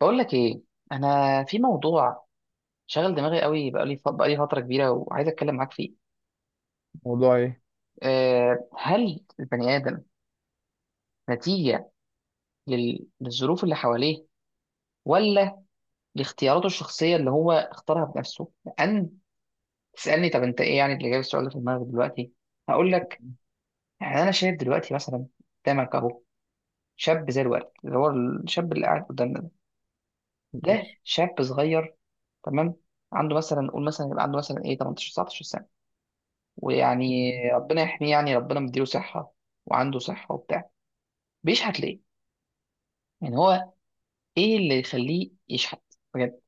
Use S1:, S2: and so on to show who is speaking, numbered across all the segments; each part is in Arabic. S1: بقول لك ايه. انا في موضوع شغل دماغي قوي بقالي، بقالي فتره كبيره، وعايز اتكلم معاك فيه.
S2: موضوع ايه؟
S1: هل البني ادم نتيجه للظروف اللي حواليه، ولا لاختياراته الشخصيه اللي هو اختارها بنفسه؟ لان تسالني طب انت ايه يعني اللي جايب السؤال ده في دماغك دلوقتي. هقول لك. يعني انا شايف دلوقتي مثلا قدامك اهو شاب زي الورد، اللي هو الشاب اللي قاعد قدامنا ده. ده شاب صغير، تمام؟ عنده مثلا، نقول مثلا يبقى عنده مثلا ايه 18 19 سنه، ويعني ربنا يحميه، يعني ربنا مديله صحة، وعنده صحة وبتاع. بيشحت ليه؟ يعني هو ايه اللي يخليه يشحت، بجد؟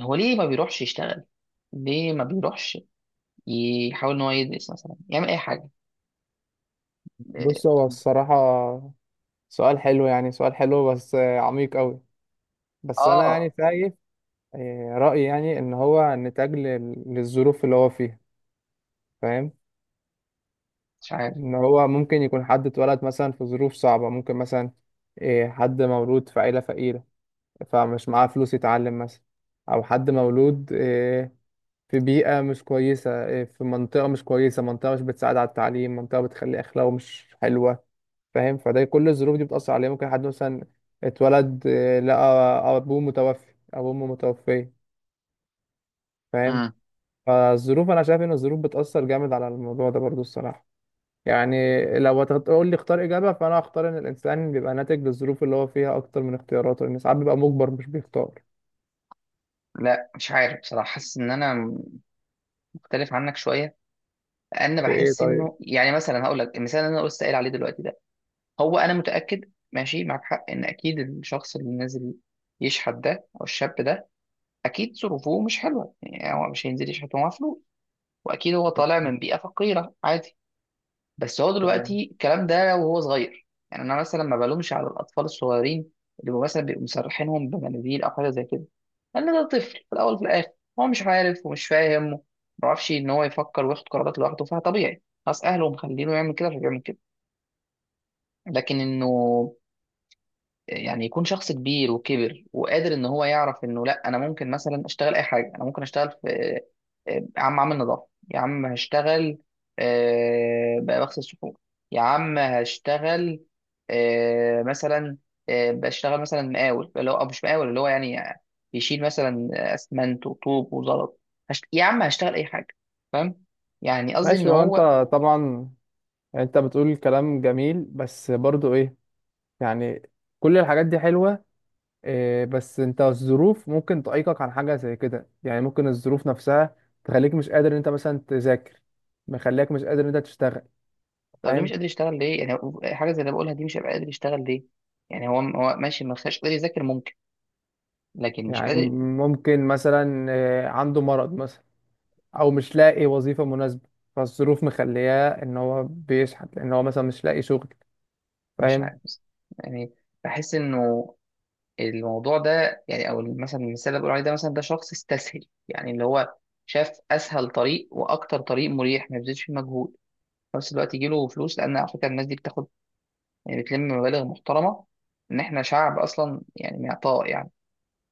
S1: هو ليه ما بيروحش يشتغل؟ ليه ما بيروحش يحاول ان هو يدرس مثلا، يعمل اي حاجة؟
S2: بص، هو الصراحة سؤال حلو، يعني سؤال حلو بس عميق قوي. بس انا
S1: اه.
S2: يعني شايف، رأيي يعني ان هو نتاج للظروف اللي هو فيها. فاهم؟
S1: مش عارف.
S2: ان هو ممكن يكون حد اتولد مثلا في ظروف صعبة، ممكن مثلا حد مولود في عيلة فقيرة، فمش معاه فلوس يتعلم مثلا، او حد مولود في بيئة مش كويسة، في منطقة مش كويسة، منطقة مش بتساعد على التعليم، منطقة بتخلي اخلاقه مش حلوة. فاهم؟ فده كل الظروف دي بتأثر عليه. ممكن حد مثلا اتولد لقى أبوه متوفي أو أمه متوفية. فاهم؟
S1: امم.
S2: فالظروف، أنا شايف إن الظروف بتأثر جامد على الموضوع ده برضو الصراحة. يعني لو هتقول لي اختار إجابة، فأنا هختار إن الإنسان بيبقى ناتج للظروف اللي هو فيها أكتر من اختياراته، لأن ساعات بيبقى مجبر مش بيختار.
S1: لا، مش عارف بصراحة. حاسس ان انا مختلف عنك شوية، لان
S2: في إيه
S1: بحس
S2: طيب؟
S1: انه، يعني مثلا هقول لك المثال اللي انا لسه قايل عليه دلوقتي ده. هو انا متأكد ماشي معك حق، ان اكيد الشخص اللي نازل يشحت ده او الشاب ده اكيد ظروفه مش حلوه. يعني هو مش هينزل يشحت ومعاه فلوس. واكيد هو طالع من بيئه فقيره، عادي. بس هو
S2: تمام،
S1: دلوقتي الكلام ده وهو صغير، يعني انا مثلا ما بلومش على الاطفال الصغيرين، اللي هو مثلا بيبقوا مسرحينهم بمناديل او حاجه زي كده، لان ده طفل في الاول وفي الاخر. هو مش عارف ومش فاهم، ما بيعرفش ان هو يفكر وياخد قرارات لوحده، فطبيعي ناس اهله مخلينه يعمل كده فبيعمل كده. لكن انه يعني يكون شخص كبير وكبر وقادر ان هو يعرف انه، لا انا ممكن مثلا اشتغل اي حاجه، انا ممكن اشتغل في، يا عم عامل نظافه، يا عم هشتغل، بقى بغسل صحون، يا عم هشتغل، مثلا، بشتغل مثلا مقاول، اللي هو أو مش مقاول، اللي هو يعني يشيل مثلا اسمنت وطوب وزلط. يا عم هشتغل اي حاجه، فاهم؟ يعني قصدي ان
S2: ماشي. هو أنت
S1: هو.
S2: طبعا، يعني أنت بتقول كلام جميل بس برضو إيه، يعني كل الحاجات دي حلوة. بس انت الظروف ممكن تعيقك عن حاجة زي كده. يعني ممكن الظروف نفسها تخليك مش قادر ان انت مثلا تذاكر، مخليك مش قادر ان انت تشتغل.
S1: طب ليه مش
S2: فاهم؟
S1: قادر يشتغل، ليه؟ يعني حاجه زي اللي بقولها دي، مش هيبقى قادر يشتغل ليه؟ يعني هو ماشي، ما خلاش قادر يذاكر، ممكن. لكن مش
S2: يعني
S1: قادر.
S2: ممكن مثلا عنده مرض مثلا، او مش لاقي وظيفة مناسبة، فالظروف مخلياه ان هو بيشحت لان هو مثلا مش لاقي شغل.
S1: مش
S2: فاهم؟
S1: عارف بس، يعني بحس انه الموضوع ده، يعني او مثلا المثال اللي بقول عليه ده، مثلا ده شخص استسهل، يعني اللي هو شاف اسهل طريق واكتر طريق مريح ما يبذلش فيه مجهود، في نفس الوقت يجي له فلوس. لان على فكره الناس دي بتاخد، يعني بتلم مبالغ محترمه. ان احنا شعب اصلا يعني معطاء، يعني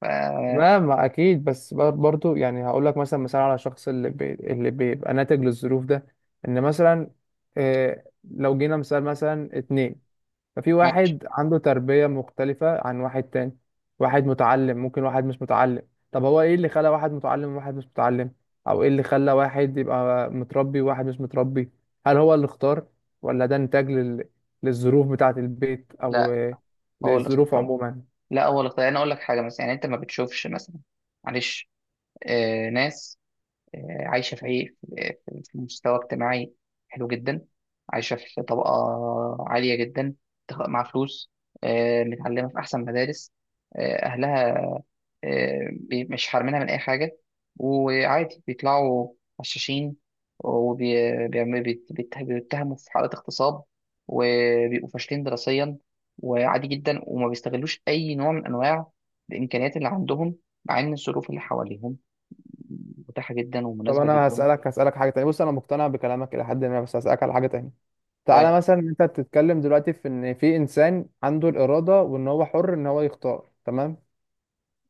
S1: ف،
S2: تمام اكيد، بس برضو يعني هقول لك مثلا مثال على الشخص اللي اللي بيبقى ناتج للظروف ده. ان مثلا لو جينا مثال مثلا اتنين، ففي
S1: ماشي.
S2: واحد عنده تربية مختلفة عن واحد تاني. واحد متعلم، ممكن واحد مش متعلم. طب هو ايه اللي خلى واحد متعلم وواحد مش متعلم؟ او ايه اللي خلى واحد يبقى متربي وواحد مش متربي؟ هل هو اللي اختار، ولا ده نتاج للظروف بتاعة البيت او
S1: لا، هو اللي
S2: للظروف
S1: اختار.
S2: عموما؟
S1: لا، هو الاختيار. انا اقول لك حاجه مثلا، يعني انت ما بتشوفش مثلا، معلش، ناس عايشه في عي- في في مستوى اجتماعي حلو جدا، عايشه في طبقه عاليه جدا، مع فلوس، متعلمه في احسن مدارس، اهلها مش حارمينها من أي حاجة. وعادي بيطلعوا غشاشين، وبيتهموا في حالات اغتصاب، وبيبقوا فاشلين دراسيا، وعادي جدا وما بيستغلوش أي نوع من أنواع الإمكانيات اللي عندهم، مع إن الظروف اللي حواليهم متاحة جدا
S2: طب
S1: ومناسبة
S2: انا
S1: جدا.
S2: هسألك، هسألك حاجة تانية. بص، انا مقتنع بكلامك الى حد ما، بس هسألك على حاجة تانية.
S1: طيب،
S2: تعالى مثلا، انت بتتكلم دلوقتي في ان في انسان عنده الإرادة، وان هو حر ان هو يختار، تمام.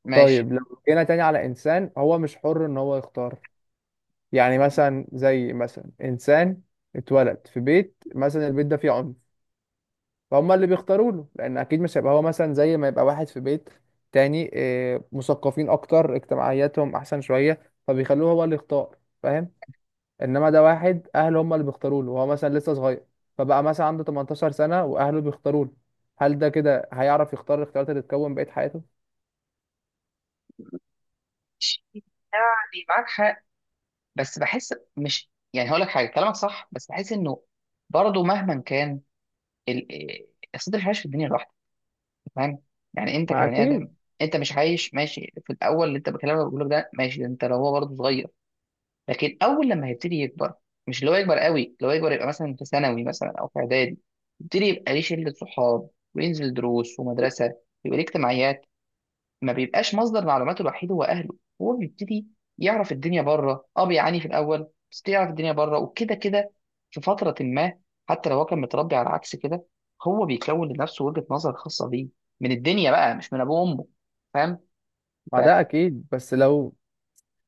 S1: ماشي.
S2: طيب لو جينا تاني على انسان هو مش حر ان هو يختار، يعني مثلا زي مثلا انسان اتولد في بيت، مثلا البيت ده فيه عنف، فهم اللي بيختاروا له، لان اكيد مش هيبقى هو مثلا زي ما يبقى واحد في بيت تاني مثقفين اكتر، اجتماعياتهم احسن شوية، فبيخلوه هو اللي يختار. فاهم؟ انما ده واحد اهله هم اللي بيختاروا له، وهو مثلا لسه صغير، فبقى مثلا عنده 18 سنة واهله بيختاروا له. هل ده كده هيعرف يختار الاختيارات اللي تكون بقية حياته؟
S1: يعني معاك حق بس بحس مش، يعني هقول لك حاجة، كلامك صح بس بحس إنه برضه مهما كان ال... إيه، أصل ده مش عايش في الدنيا لوحده، فاهم؟ يعني انت
S2: ما
S1: كبني ادم
S2: اكيد.
S1: انت مش عايش، ماشي. في الاول اللي انت بكلمك بقول لك ده، ماشي، ده انت لو هو برضه صغير. لكن اول لما هيبتدي يكبر، مش اللي هو يكبر قوي، لو يكبر يبقى مثلا في ثانوي مثلا او في اعدادي، يبتدي يبقى ليه شله صحاب، وينزل دروس ومدرسه، يبقى ليه اجتماعيات، ما بيبقاش مصدر معلوماته الوحيد هو اهله. هو بيبتدي يعرف الدنيا بره، اه بيعاني في الاول بس يعرف الدنيا بره. وكده كده في فتره ما، حتى لو هو كان متربي على عكس كده، هو بيكون لنفسه وجهه نظر خاصه بيه من الدنيا بقى، مش من ابوه وامه، فاهم؟
S2: ما ده اكيد، بس لو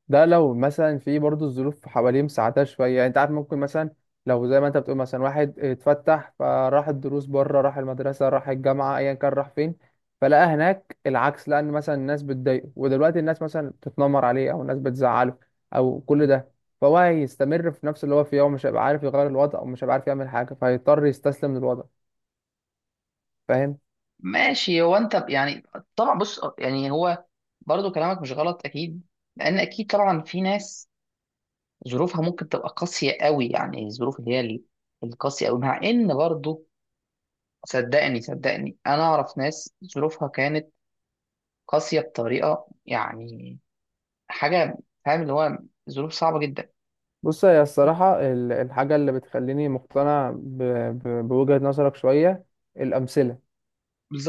S2: ده لو مثلا في برضه الظروف حواليه مساعدة شوية. يعني انت عارف، ممكن مثلا لو زي ما انت بتقول مثلا واحد اتفتح، فراح الدروس بره، راح المدرسة، راح الجامعة، ايا كان راح فين، فلقى هناك العكس، لأن مثلا الناس بتضايقه، ودلوقتي الناس مثلا بتتنمر عليه، أو الناس بتزعله، أو كل ده، فهو هيستمر في نفس اللي هو فيه، ومش هيبقى عارف يغير الوضع، ومش هيبقى عارف يعمل حاجة، فهيضطر يستسلم للوضع. فاهم؟
S1: فماشي، هو انت يعني طبعا، بص يعني هو برضو كلامك مش غلط اكيد. لان اكيد طبعا في ناس ظروفها ممكن تبقى قاسيه قوي، يعني الظروف اللي هي القاسيه قوي، مع ان برضو، صدقني صدقني، انا اعرف ناس ظروفها كانت قاسية بطريقة، يعني حاجة، فاهم اللي هو ظروف صعبة جدا.
S2: بص، هي الصراحة الحاجة اللي بتخليني مقتنع بوجهة نظرك شوية، الأمثلة.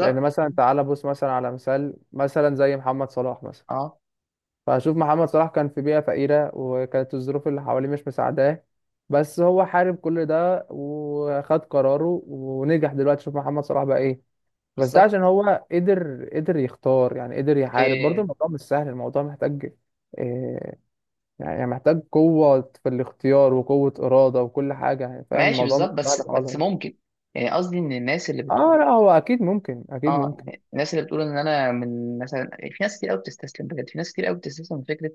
S2: لان مثلا تعالى بص مثلا على مثال مثلا زي محمد صلاح مثلا.
S1: اه،
S2: فهشوف محمد صلاح كان في بيئة فقيرة، وكانت الظروف اللي حواليه مش مساعداه، بس هو حارب كل ده وخد قراره ونجح. دلوقتي شوف محمد صلاح بقى ايه. بس ده
S1: بالظبط.
S2: عشان هو قدر يختار. يعني قدر يحارب. برضه
S1: إيه،
S2: الموضوع مش سهل، الموضوع محتاج إيه، يعني محتاج قوة في الاختيار وقوة إرادة وكل حاجة. يعني فاهم،
S1: ماشي
S2: الموضوع مش
S1: بالظبط.
S2: سهل
S1: بس
S2: خالص.
S1: ممكن، يعني قصدي ان الناس اللي
S2: اه، لا،
S1: بتقول،
S2: هو أكيد ممكن، أكيد
S1: اه
S2: ممكن.
S1: يعني الناس اللي بتقول ان انا من، مثلا في ناس كتير قوي بتستسلم بجد، في ناس كتير قوي بتستسلم من فكرة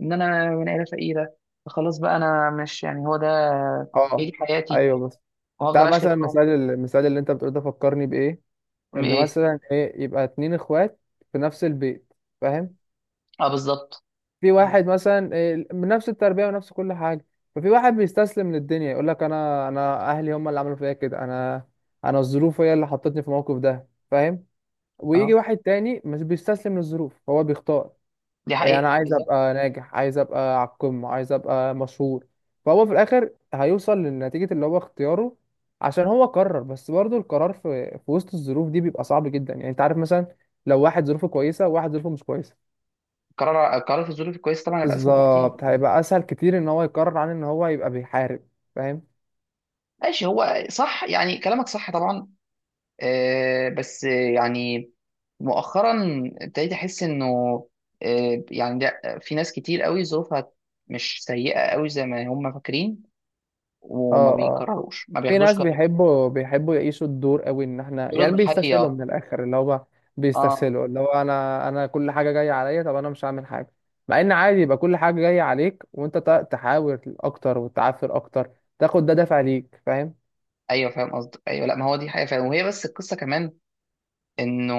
S1: ان انا من عيلة فقيرة، فخلاص بقى انا مش، يعني هو ده، هي دي
S2: اه،
S1: حياتي،
S2: ايوه، بس
S1: وهفضل
S2: بتاع
S1: عايش كده
S2: مثلا
S1: طول عمري.
S2: المثال، المثال اللي انت بتقول ده فكرني بايه، ان
S1: ايه.
S2: مثلا ايه يبقى اتنين اخوات في نفس البيت. فاهم؟
S1: اه، بالظبط.
S2: في واحد مثلا إيه، بنفس التربيه ونفس كل حاجه، ففي واحد بيستسلم للدنيا، يقول لك انا اهلي هم اللي عملوا فيا كده، انا، انا الظروف هي اللي حطتني في الموقف ده. فاهم؟ ويجي
S1: اه،
S2: واحد تاني مش بيستسلم للظروف، هو بيختار،
S1: دي
S2: إيه، انا
S1: حقيقة
S2: عايز
S1: بالظبط.
S2: ابقى ناجح، عايز ابقى على القمه، عايز ابقى مشهور، فهو في الاخر هيوصل لنتيجه اللي هو اختياره، عشان هو قرر. بس برضه القرار في وسط الظروف دي بيبقى صعب جدا. يعني انت عارف، مثلا لو واحد ظروفه كويسه وواحد ظروفه مش كويسه.
S1: القرار في الظروف الكويسة طبعا هيبقى أسهل بكتير،
S2: بالظبط،
S1: آه.
S2: هيبقى اسهل كتير ان هو يقرر عن ان هو يبقى بيحارب. فاهم؟
S1: ماشي، هو صح، يعني كلامك صح طبعا. بس يعني مؤخرا ابتديت أحس إنه، يعني ده في ناس كتير قوي ظروفها مش سيئة قوي زي ما هم فاكرين، وما
S2: اه،
S1: بيقرروش، ما
S2: في
S1: بياخدوش
S2: ناس
S1: قرار.
S2: بيحبوا يعيشوا الدور قوي، ان احنا
S1: دول
S2: يعني بيستسهلوا
S1: الضحية.
S2: من الاخر اللي هو
S1: اه،
S2: بيستسهلوا اللي هو انا، انا كل حاجه جايه عليا، طب انا مش هعمل حاجه. مع ان عادي يبقى كل حاجه جايه عليك وانت تحاول اكتر وتعافر اكتر، تاخد ده دافع ليك. فاهم؟
S1: ايوه فاهم قصدك. ايوه، لا ما هو دي حقيقة فعلا. وهي بس القصة كمان إنه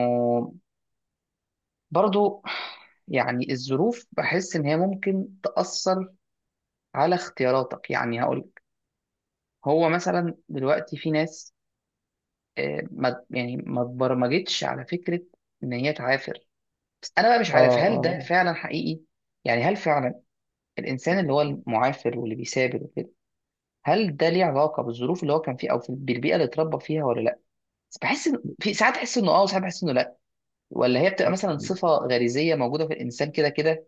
S1: برضو، يعني الظروف بحس إن هي ممكن تأثر على اختياراتك. يعني هقول لك، هو مثلا دلوقتي في ناس، ما يعني ما اتبرمجتش على فكرة ان هي تعافر. بس انا بقى مش
S2: اه،
S1: عارف هل ده
S2: اه،
S1: فعلا حقيقي. يعني هل فعلا الانسان اللي هو المعافر واللي بيثابر وكده، هل ده ليه علاقة بالظروف اللي هو كان فيها او بالبيئة اللي اتربى فيها ولا لا؟ بس بحس ان في ساعات احس انه اه، وساعات بحس انه لا. ولا هي بتبقى
S2: آه.
S1: مثلا صفة غريزية موجودة في الانسان كده كده،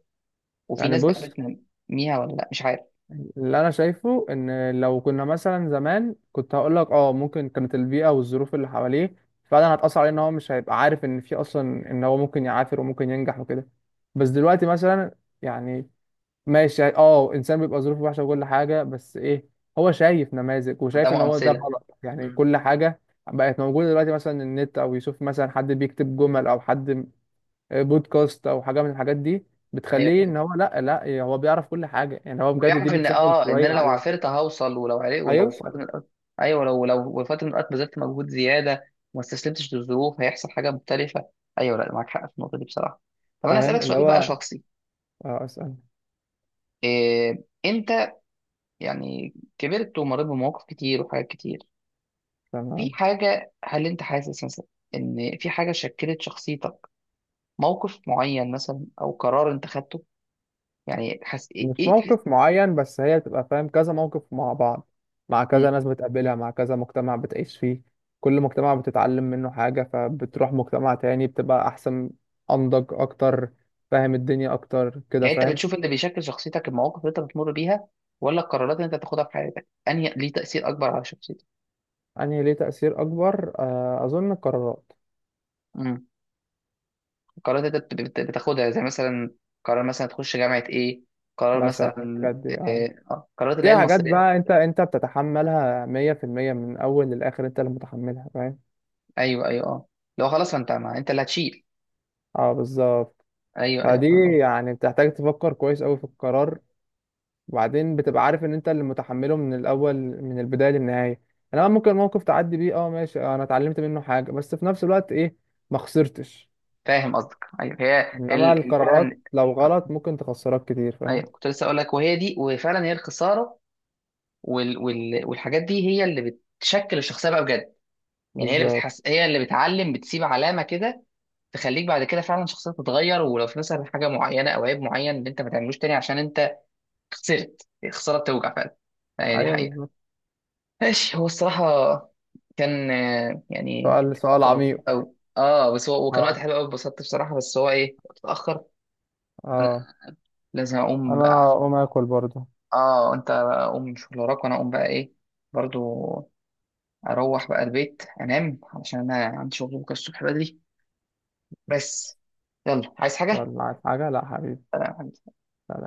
S1: وفي
S2: يعني
S1: ناس بقى
S2: بص،
S1: بتنميها ولا لا؟ مش عارف.
S2: اللي انا شايفه ان لو كنا مثلا زمان كنت هقول لك اه ممكن كانت البيئه والظروف اللي حواليه فعلا هتاثر عليه، ان هو مش هيبقى عارف ان في اصلا ان هو ممكن يعافر وممكن ينجح وكده. بس دلوقتي مثلا، يعني ماشي، يعني اه انسان بيبقى ظروفه وحشه وكل حاجه، بس ايه، هو شايف نماذج وشايف ان
S1: قدامه
S2: هو ده
S1: امثلة.
S2: غلط. يعني
S1: مم.
S2: كل حاجه بقت موجوده دلوقتي، مثلا النت، او يشوف مثلا حد بيكتب جمل، او حد بودكاست او حاجه من الحاجات دي، بتخليه
S1: ايوه،
S2: ان هو لا لا هو بيعرف كل حاجه. يعني هو بجد دي
S1: ويعرف ان،
S2: بتسهل
S1: اه، ان انا
S2: شويه
S1: لو
S2: عليه
S1: عافرت هوصل، ولو عرق، ولو في وقت
S2: هيوصل.
S1: من الأوقات. ايوه، لو في وقت من الاوقات بذلت مجهود زياده وما استسلمتش للظروف، هيحصل حاجه مختلفه. ايوه، لا معاك حق في النقطه دي بصراحه. طب انا اسالك
S2: فاهم؟ اللي
S1: سؤال بقى
S2: هو
S1: شخصي.
S2: اسال.
S1: انت يعني كبرت ومريت بمواقف كتير وحاجات كتير، في
S2: تمام،
S1: حاجه، هل انت حاسس مثلا ان في حاجه شكلت شخصيتك؟ موقف معين مثلا، او قرار انت خدته، يعني حس ايه
S2: مش
S1: ايه
S2: موقف معين، بس هي بتبقى فاهم كذا موقف مع بعض، مع كذا ناس بتقابلها، مع كذا مجتمع بتعيش فيه. كل مجتمع بتتعلم منه حاجه، فبتروح مجتمع تاني بتبقى احسن، انضج اكتر، فاهم الدنيا اكتر كده.
S1: يعني انت
S2: فاهم؟
S1: بتشوف اللي بيشكل شخصيتك المواقف اللي انت بتمر بيها، ولا القرارات اللي انت بتاخدها في حياتك، انهي ليه تأثير اكبر على شخصيتك؟
S2: يعني ليه تأثير اكبر اظن القرارات.
S1: امم. القرارات اللي انت بتاخدها، زي مثلا قرار مثلا تخش جامعة ايه، قرار
S2: مثلا
S1: مثلا،
S2: الحاجات دي آه.
S1: اه، قرارات اللي هي
S2: دي حاجات
S1: المصيرية.
S2: بقى انت بتتحملها 100% من اول للاخر، انت اللي متحملها. فاهم؟
S1: ايوه، ايوه، اه، لو خلاص، ما انت اللي هتشيل.
S2: اه، بالظبط.
S1: ايوه، ايوه،
S2: فدي،
S1: فاهم قصدك
S2: يعني بتحتاج تفكر كويس قوي في القرار، وبعدين بتبقى عارف ان انت اللي متحمله من الاول، من البدايه للنهايه. انا ممكن موقف تعدي بيه اه ماشي، اه انا اتعلمت منه حاجه، بس في نفس الوقت ايه، ما خسرتش.
S1: فاهم قصدك ايوه. هي
S2: انما القرارات
S1: فعلا.
S2: لو غلط ممكن تخسرك كتير.
S1: ايوه،
S2: فاهم؟
S1: كنت لسه اقول لك وهي دي، وفعلا هي الخسارة والحاجات دي هي اللي بتشكل الشخصية بقى بجد. يعني هي اللي
S2: بالظبط.
S1: بتحس، هي اللي بتعلم، بتسيب علامة كده تخليك بعد كده فعلا شخصيتك تتغير، ولو في مثلا حاجه معينه او عيب معين اللي انت ما تعملوش تاني عشان انت خسرت. الخساره بتوجع فعلا، هي دي
S2: ايوه
S1: حقيقه.
S2: بالظبط.
S1: ماشي، هو الصراحه كان، يعني،
S2: سؤال سؤال
S1: وقت لطيف
S2: عميق.
S1: قوي، اه بس هو وكان وقت
S2: اه،
S1: حلو قوي، اتبسطت بصراحه. بس هو ايه، وقت اتاخر،
S2: اه،
S1: لازم اقوم
S2: انا
S1: بقى.
S2: هقوم اكل برضه.
S1: اه، انت بقى قوم من شغل وراك، وانا اقوم بقى ايه، برضو. اروح بقى البيت انام علشان انا عندي شغل بكره الصبح بدري. بس، يلا عايز حاجه؟
S2: يلا عايز حاجه؟ لا حبيبي.
S1: سلام.
S2: سلام.